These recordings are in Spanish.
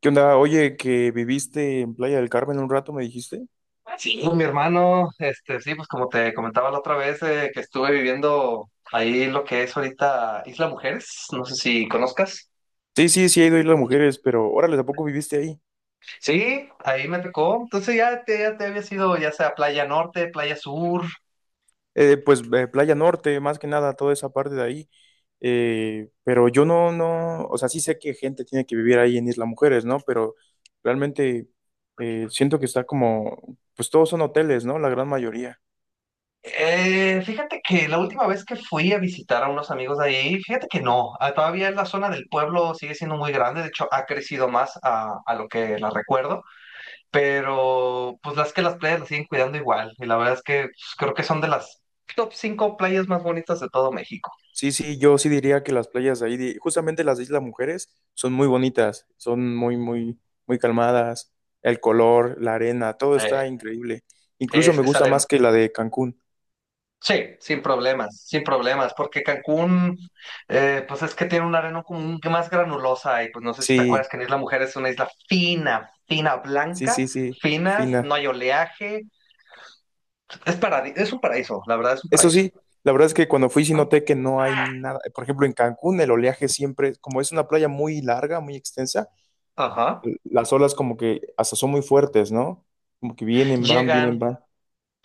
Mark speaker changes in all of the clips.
Speaker 1: ¿Qué onda? Oye, que viviste en Playa del Carmen un rato, me dijiste.
Speaker 2: Sí, mi hermano, sí, pues como te comentaba la otra vez, que estuve viviendo ahí lo que es ahorita Isla Mujeres, no sé si conozcas.
Speaker 1: Sí, sí, sí, he ido a Isla Mujeres, pero órale, ¿a poco viviste ahí?
Speaker 2: Sí, ahí me tocó. Entonces ya te había sido ya sea Playa Norte, Playa Sur.
Speaker 1: Playa Norte, más que nada, toda esa parte de ahí. Pero yo no, no, o sea, sí sé que gente tiene que vivir ahí en Isla Mujeres, ¿no? Pero realmente siento que está como, pues todos son hoteles, ¿no? La gran mayoría.
Speaker 2: Fíjate que la última vez que fui a visitar a unos amigos de ahí, fíjate que no, ah, todavía la zona del pueblo sigue siendo muy grande, de hecho ha crecido más a lo que la recuerdo. Pero pues las playas las siguen cuidando igual. Y la verdad es que pues, creo que son de las top 5 playas más bonitas de todo México.
Speaker 1: Sí, sí, yo sí diría que las playas de ahí, justamente las de Isla Mujeres, son muy bonitas, son muy, muy, muy calmadas, el color, la arena, todo
Speaker 2: Eh,
Speaker 1: está increíble. Incluso me
Speaker 2: es
Speaker 1: gusta
Speaker 2: arena.
Speaker 1: más que la de Cancún.
Speaker 2: Sí, sin problemas, sin problemas, porque Cancún, pues es que tiene una arena como más granulosa y pues no sé si te acuerdas
Speaker 1: Sí,
Speaker 2: que en Isla Mujer es una isla fina, fina,
Speaker 1: sí,
Speaker 2: blanca,
Speaker 1: sí, sí,
Speaker 2: finas, no
Speaker 1: fina.
Speaker 2: hay oleaje, es un paraíso, la verdad es un
Speaker 1: Eso
Speaker 2: paraíso.
Speaker 1: sí, la verdad es que cuando fui sí noté que no hay nada. Por ejemplo, en Cancún el oleaje siempre, como es una playa muy larga, muy extensa,
Speaker 2: Ajá.
Speaker 1: las olas como que hasta son muy fuertes, ¿no? Como que vienen, van, vienen,
Speaker 2: Llegan,
Speaker 1: van.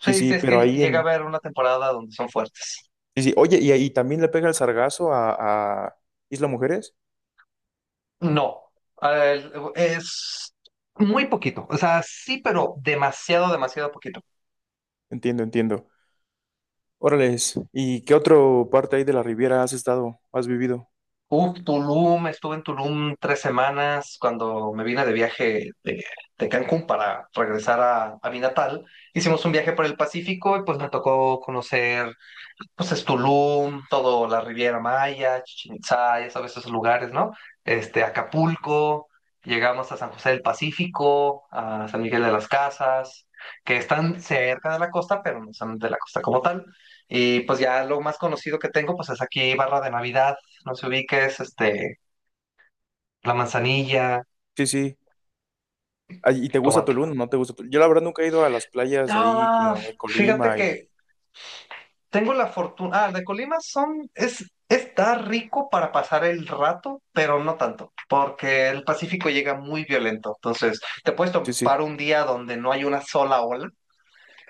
Speaker 1: Sí,
Speaker 2: sí,
Speaker 1: sí,
Speaker 2: es que
Speaker 1: pero ahí
Speaker 2: llega a
Speaker 1: en...
Speaker 2: haber una temporada donde son fuertes.
Speaker 1: Sí, sí. Oye, y ahí también le pega el sargazo a Isla Mujeres.
Speaker 2: No, es muy poquito, o sea, sí, pero demasiado, demasiado poquito.
Speaker 1: Entiendo, entiendo. Órales, ¿y qué otro parte ahí de la Riviera has estado, has vivido?
Speaker 2: Uf, Tulum, estuve en Tulum tres semanas cuando me vine de viaje de Cancún para regresar a mi natal. Hicimos un viaje por el Pacífico y pues me tocó conocer. Pues es Tulum, todo la Riviera Maya, Chichén Itzá, ya sabes esos lugares, ¿no? Acapulco, llegamos a San José del Pacífico, a San Miguel de las Casas, que están cerca de la costa, pero no son de la costa como tal. Y pues ya lo más conocido que tengo, pues es aquí Barra de Navidad, no se ubiques, La Manzanilla,
Speaker 1: Sí, sí. Ay, ¿y te gusta
Speaker 2: Tomatla.
Speaker 1: Tulum? ¿No te gusta Tulum? Yo la verdad nunca he ido a las playas de ahí,
Speaker 2: Ah,
Speaker 1: como en
Speaker 2: fíjate
Speaker 1: Colima y...
Speaker 2: que tengo la fortuna. Ah, de Colima son, es, está rico para pasar el rato, pero no tanto, porque el Pacífico llega muy violento. Entonces, te puedes
Speaker 1: Sí, sí.
Speaker 2: topar un día donde no hay una sola ola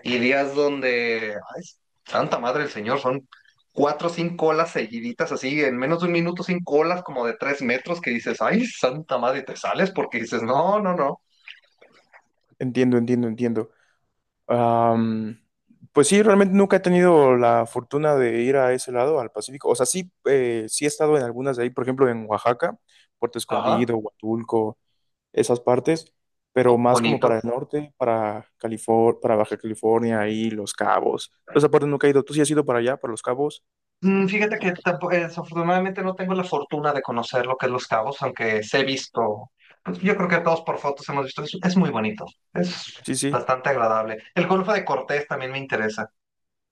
Speaker 2: y días donde, ay, santa madre del Señor, son cuatro o cinco olas seguiditas, así, en menos de un minuto, cinco olas como de 3 metros que dices, ay, santa madre, y te sales porque dices, no, no, no.
Speaker 1: Entiendo, entiendo, entiendo. Am, pues sí, realmente nunca he tenido la fortuna de ir a ese lado, al Pacífico. O sea, sí, sí he estado en algunas de ahí, por ejemplo, en Oaxaca, Puerto
Speaker 2: Ajá,
Speaker 1: Escondido, Huatulco. Esas partes, pero
Speaker 2: oh,
Speaker 1: más como
Speaker 2: bonito.
Speaker 1: para el norte, para California, para Baja California y Los Cabos. Entonces, esa parte nunca he ido. ¿Tú sí has ido para allá, para Los Cabos?
Speaker 2: Fíjate que desafortunadamente no tengo la fortuna de conocer lo que es Los Cabos, aunque se he visto, pues, yo creo que todos por fotos hemos visto, es muy bonito, es
Speaker 1: Sí, sí.
Speaker 2: bastante agradable. El Golfo de Cortés también me interesa.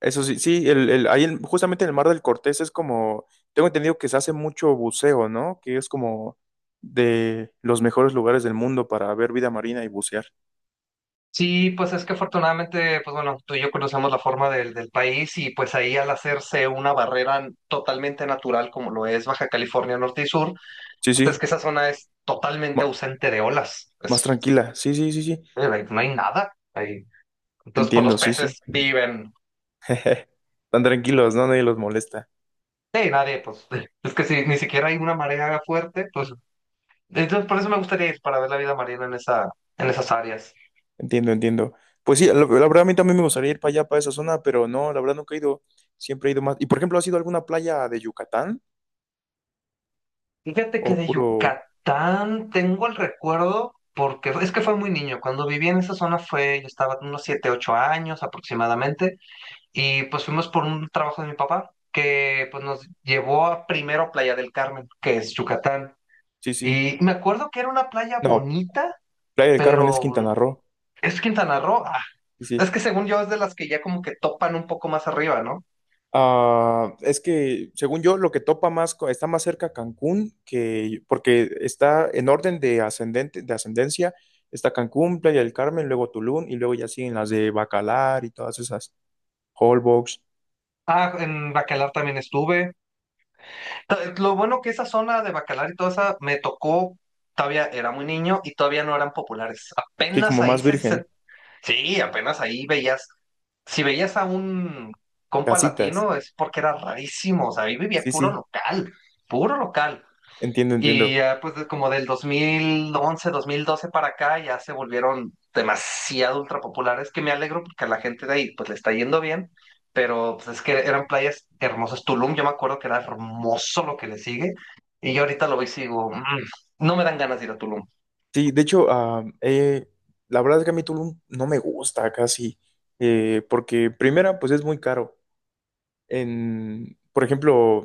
Speaker 1: Eso sí, sí, ahí justamente en el Mar del Cortés es como, tengo entendido que se hace mucho buceo, ¿no? Que es como de los mejores lugares del mundo para ver vida marina y bucear.
Speaker 2: Sí, pues es que afortunadamente, pues bueno, tú y yo conocemos la forma del país y pues ahí al hacerse una barrera totalmente natural como lo es Baja California Norte y Sur,
Speaker 1: Sí,
Speaker 2: entonces
Speaker 1: sí,
Speaker 2: que esa zona es totalmente
Speaker 1: ma-
Speaker 2: ausente de olas,
Speaker 1: más
Speaker 2: pues,
Speaker 1: tranquila. Sí, sí, sí, sí.
Speaker 2: no hay nada ahí. Entonces, pues los
Speaker 1: Entiendo, sí, sí.
Speaker 2: peces viven.
Speaker 1: Tan tranquilos, ¿no? Nadie los molesta.
Speaker 2: Sí, nadie, pues es que si ni siquiera hay una marea fuerte, pues entonces por eso me gustaría ir para ver la vida marina en en esas áreas.
Speaker 1: Entiendo, entiendo. Pues sí, la verdad a mí también me gustaría ir para allá, para esa zona, pero no, la verdad nunca he ido, siempre he ido más. Y por ejemplo, ¿has ido a alguna playa de Yucatán?
Speaker 2: Fíjate
Speaker 1: O
Speaker 2: que de
Speaker 1: puro,
Speaker 2: Yucatán tengo el recuerdo, porque es que fue muy niño, cuando viví en esa zona fue, yo estaba unos 7, 8 años aproximadamente, y pues fuimos por un trabajo de mi papá que pues nos llevó a primero a Playa del Carmen, que es Yucatán.
Speaker 1: sí, sí.
Speaker 2: Y me acuerdo que era una playa
Speaker 1: No,
Speaker 2: bonita,
Speaker 1: Playa del Carmen es
Speaker 2: pero
Speaker 1: Quintana Roo,
Speaker 2: es Quintana Roo. Ah,
Speaker 1: sí, sí.
Speaker 2: es que según yo es de las que ya como que topan un poco más arriba, ¿no?
Speaker 1: Ah, es que, según yo, lo que topa más, está más cerca Cancún que, porque está en orden de ascendente, de ascendencia, está Cancún, Playa del Carmen, luego Tulum, y luego ya siguen las de Bacalar y todas esas, Holbox,
Speaker 2: Ah, en Bacalar también estuve. Lo bueno que esa zona de Bacalar y toda esa me tocó, todavía era muy niño y todavía no eran populares.
Speaker 1: sí,
Speaker 2: Apenas
Speaker 1: como
Speaker 2: ahí
Speaker 1: más
Speaker 2: se.
Speaker 1: virgen,
Speaker 2: Sí, apenas ahí veías. Si veías a un compa
Speaker 1: casitas,
Speaker 2: latino es porque era rarísimo, o sea, ahí vivía
Speaker 1: sí,
Speaker 2: puro
Speaker 1: sí,
Speaker 2: local, puro local.
Speaker 1: entiendo,
Speaker 2: Y
Speaker 1: entiendo.
Speaker 2: ya pues como del 2011, 2012 para acá ya se volvieron demasiado ultra populares que me alegro porque a la gente de ahí pues le está yendo bien, pero pues es que eran playas hermosas. Tulum yo me acuerdo que era hermoso lo que le sigue y yo ahorita lo veo y sigo, "Mm, no me dan ganas de ir a Tulum,
Speaker 1: Sí, de hecho, la verdad es que a mí Tulum no me gusta casi, porque primera, pues es muy caro. En, por ejemplo,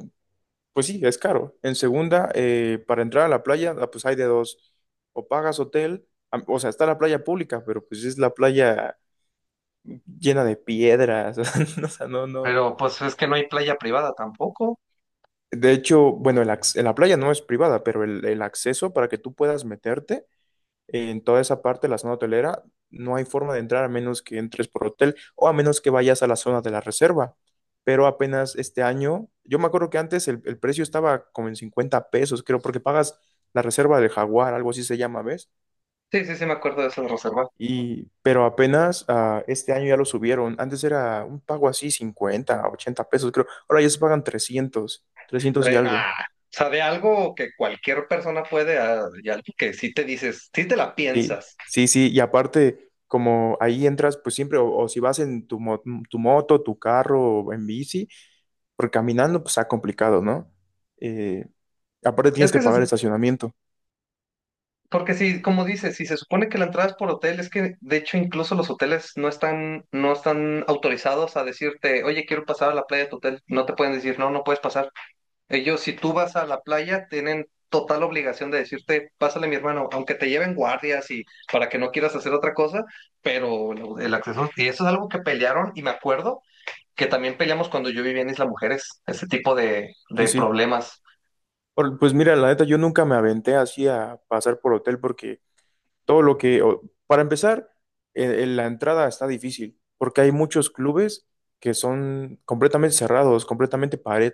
Speaker 1: pues sí, es caro. En segunda, para entrar a la playa, pues hay de dos, o pagas hotel, o sea, está la playa pública, pero pues es la playa llena de piedras, o sea, no, no.
Speaker 2: pero pues es que no hay playa privada tampoco".
Speaker 1: De hecho, bueno, la playa no es privada, pero el acceso para que tú puedas meterte en toda esa parte, la zona hotelera, no hay forma de entrar a menos que entres por hotel o a menos que vayas a la zona de la reserva. Pero apenas este año, yo me acuerdo que antes el precio estaba como en 50 pesos, creo, porque pagas la reserva del Jaguar, algo así se llama, ¿ves?
Speaker 2: Sí, sí, sí me acuerdo de eso de reserva.
Speaker 1: Y, pero apenas este año ya lo subieron. Antes era un pago así 50, 80 pesos, creo. Ahora ya se pagan trescientos y
Speaker 2: Traen,
Speaker 1: algo.
Speaker 2: ah, o sea, de algo que cualquier persona puede, ah, y algo que sí te dices, sí te la
Speaker 1: Sí,
Speaker 2: piensas.
Speaker 1: sí, sí, y aparte, como ahí entras, pues siempre, o si vas en tu, tu moto, tu carro, o en bici, porque caminando, pues está complicado, ¿no? Eh, aparte
Speaker 2: Es
Speaker 1: tienes que
Speaker 2: que
Speaker 1: pagar
Speaker 2: se
Speaker 1: estacionamiento.
Speaker 2: Porque si, como dices, si se supone que la entrada es por hotel, es que de hecho incluso los hoteles no están autorizados a decirte, oye, quiero pasar a la playa de tu hotel. No te pueden decir, no, no puedes pasar. Ellos, si tú vas a la playa, tienen total obligación de decirte, pásale mi hermano, aunque te lleven guardias y para que no quieras hacer otra cosa, pero el acceso, y eso es algo que pelearon, y me acuerdo que también peleamos cuando yo vivía en Isla Mujeres, ese tipo
Speaker 1: Sí,
Speaker 2: de
Speaker 1: sí.
Speaker 2: problemas.
Speaker 1: Pues mira, la neta, yo nunca me aventé así a pasar por hotel porque todo lo que, para empezar, la entrada está difícil porque hay muchos clubes que son completamente cerrados, completamente pared.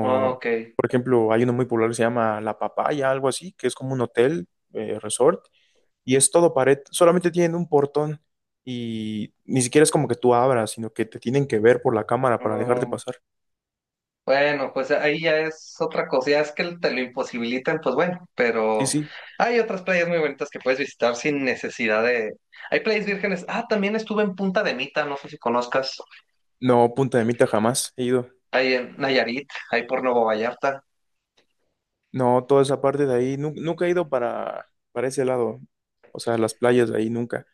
Speaker 2: Ah, ok.
Speaker 1: por ejemplo, hay uno muy popular que se llama La Papaya, algo así, que es como un hotel, resort, y es todo pared, solamente tienen un portón y ni siquiera es como que tú abras, sino que te tienen que ver por la cámara para dejarte pasar.
Speaker 2: Bueno, pues ahí ya es otra cosa, ya es que te lo imposibilitan, pues bueno,
Speaker 1: Sí,
Speaker 2: pero
Speaker 1: sí,
Speaker 2: hay otras playas muy bonitas que puedes visitar sin necesidad de… Hay playas vírgenes, ah, también estuve en Punta de Mita, no sé si conozcas,
Speaker 1: no, Punta de Mita jamás he ido.
Speaker 2: ahí en Nayarit, ahí por Nuevo Vallarta,
Speaker 1: No, toda esa parte de ahí, nunca he ido para ese lado, o sea, las playas de ahí nunca.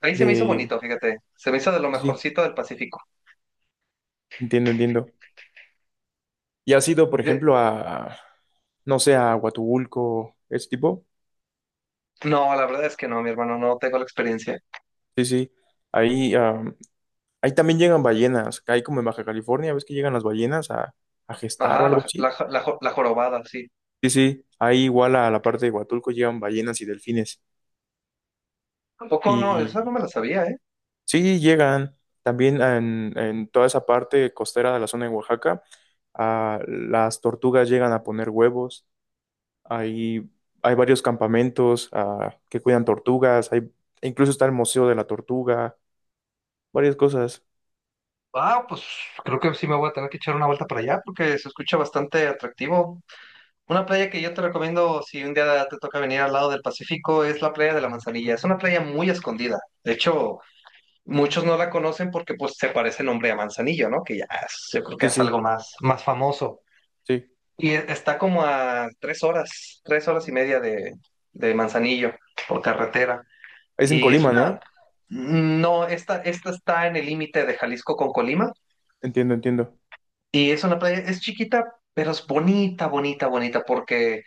Speaker 2: ahí se me hizo
Speaker 1: De,
Speaker 2: bonito, fíjate, se me hizo de lo
Speaker 1: sí, sí,
Speaker 2: mejorcito del Pacífico.
Speaker 1: entiendo, entiendo. ¿Y has ido, por
Speaker 2: Eh,
Speaker 1: ejemplo, a, no sé, a Huatulco, ese tipo?
Speaker 2: No, la verdad es que no, mi hermano, no tengo la experiencia.
Speaker 1: Sí, sí. Ahí, ahí también llegan ballenas. Ahí como en Baja California, ves que llegan las ballenas a gestar o
Speaker 2: Ajá,
Speaker 1: algo así.
Speaker 2: la jorobada, sí.
Speaker 1: Sí, sí. Ahí igual a la parte de Huatulco llegan ballenas y delfines.
Speaker 2: Tampoco no, esa no
Speaker 1: Y
Speaker 2: me la sabía, ¿eh?
Speaker 1: sí, llegan también en toda esa parte costera de la zona de Oaxaca. Ah, las tortugas llegan a poner huevos. Hay, hay varios campamentos que cuidan tortugas. Hay, incluso está el Museo de la Tortuga. Varias cosas.
Speaker 2: Ah, pues creo que sí me voy a tener que echar una vuelta para allá porque se escucha bastante atractivo. Una playa que yo te recomiendo si un día te toca venir al lado del Pacífico es la playa de la Manzanilla. Es una playa muy escondida. De hecho, muchos no la conocen porque pues se parece el nombre a Manzanillo, ¿no? Que yo creo que
Speaker 1: Sí,
Speaker 2: es
Speaker 1: sí,
Speaker 2: algo más, más famoso.
Speaker 1: sí.
Speaker 2: Y está como a 3 horas, 3 horas y media de Manzanillo por carretera.
Speaker 1: Es en
Speaker 2: Y es
Speaker 1: Colima,
Speaker 2: una…
Speaker 1: ¿no?
Speaker 2: No, esta está en el límite de Jalisco con Colima.
Speaker 1: Entiendo, entiendo.
Speaker 2: Y es una playa, es chiquita, pero es bonita, bonita, bonita porque…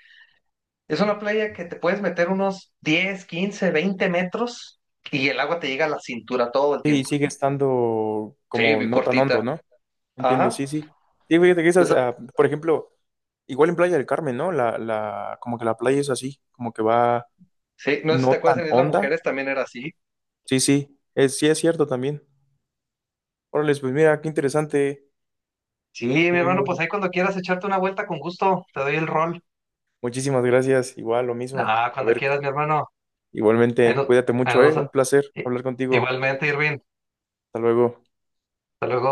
Speaker 2: Es una playa que te puedes meter unos 10, 15, 20 metros y el agua te llega a la cintura todo el
Speaker 1: Sí,
Speaker 2: tiempo.
Speaker 1: sigue estando
Speaker 2: Sí,
Speaker 1: como
Speaker 2: vi
Speaker 1: no tan
Speaker 2: cortita.
Speaker 1: hondo, ¿no? Entiendo,
Speaker 2: Ajá.
Speaker 1: sí, sí. Sí, fíjate que esas,
Speaker 2: Esa-
Speaker 1: por ejemplo, igual en Playa del Carmen, ¿no? Como que la playa es así, como que va
Speaker 2: sí, no sé si
Speaker 1: no
Speaker 2: te
Speaker 1: tan
Speaker 2: acuerdas, en Isla
Speaker 1: honda.
Speaker 2: Mujeres también era así.
Speaker 1: Sí, sí es cierto también. Órale, pues mira, qué interesante.
Speaker 2: Sí, mi
Speaker 1: Muy,
Speaker 2: hermano, pues
Speaker 1: muy.
Speaker 2: ahí cuando quieras echarte una vuelta con gusto, te doy el rol.
Speaker 1: Muchísimas gracias. Igual, lo mismo.
Speaker 2: Ah,
Speaker 1: A
Speaker 2: cuando
Speaker 1: ver,
Speaker 2: quieras, mi hermano. Ahí
Speaker 1: igualmente,
Speaker 2: no-
Speaker 1: cuídate
Speaker 2: ahí
Speaker 1: mucho,
Speaker 2: nos-
Speaker 1: ¿eh? Un placer
Speaker 2: eh,
Speaker 1: hablar contigo.
Speaker 2: Igualmente, Irving.
Speaker 1: Hasta luego.
Speaker 2: Hasta luego.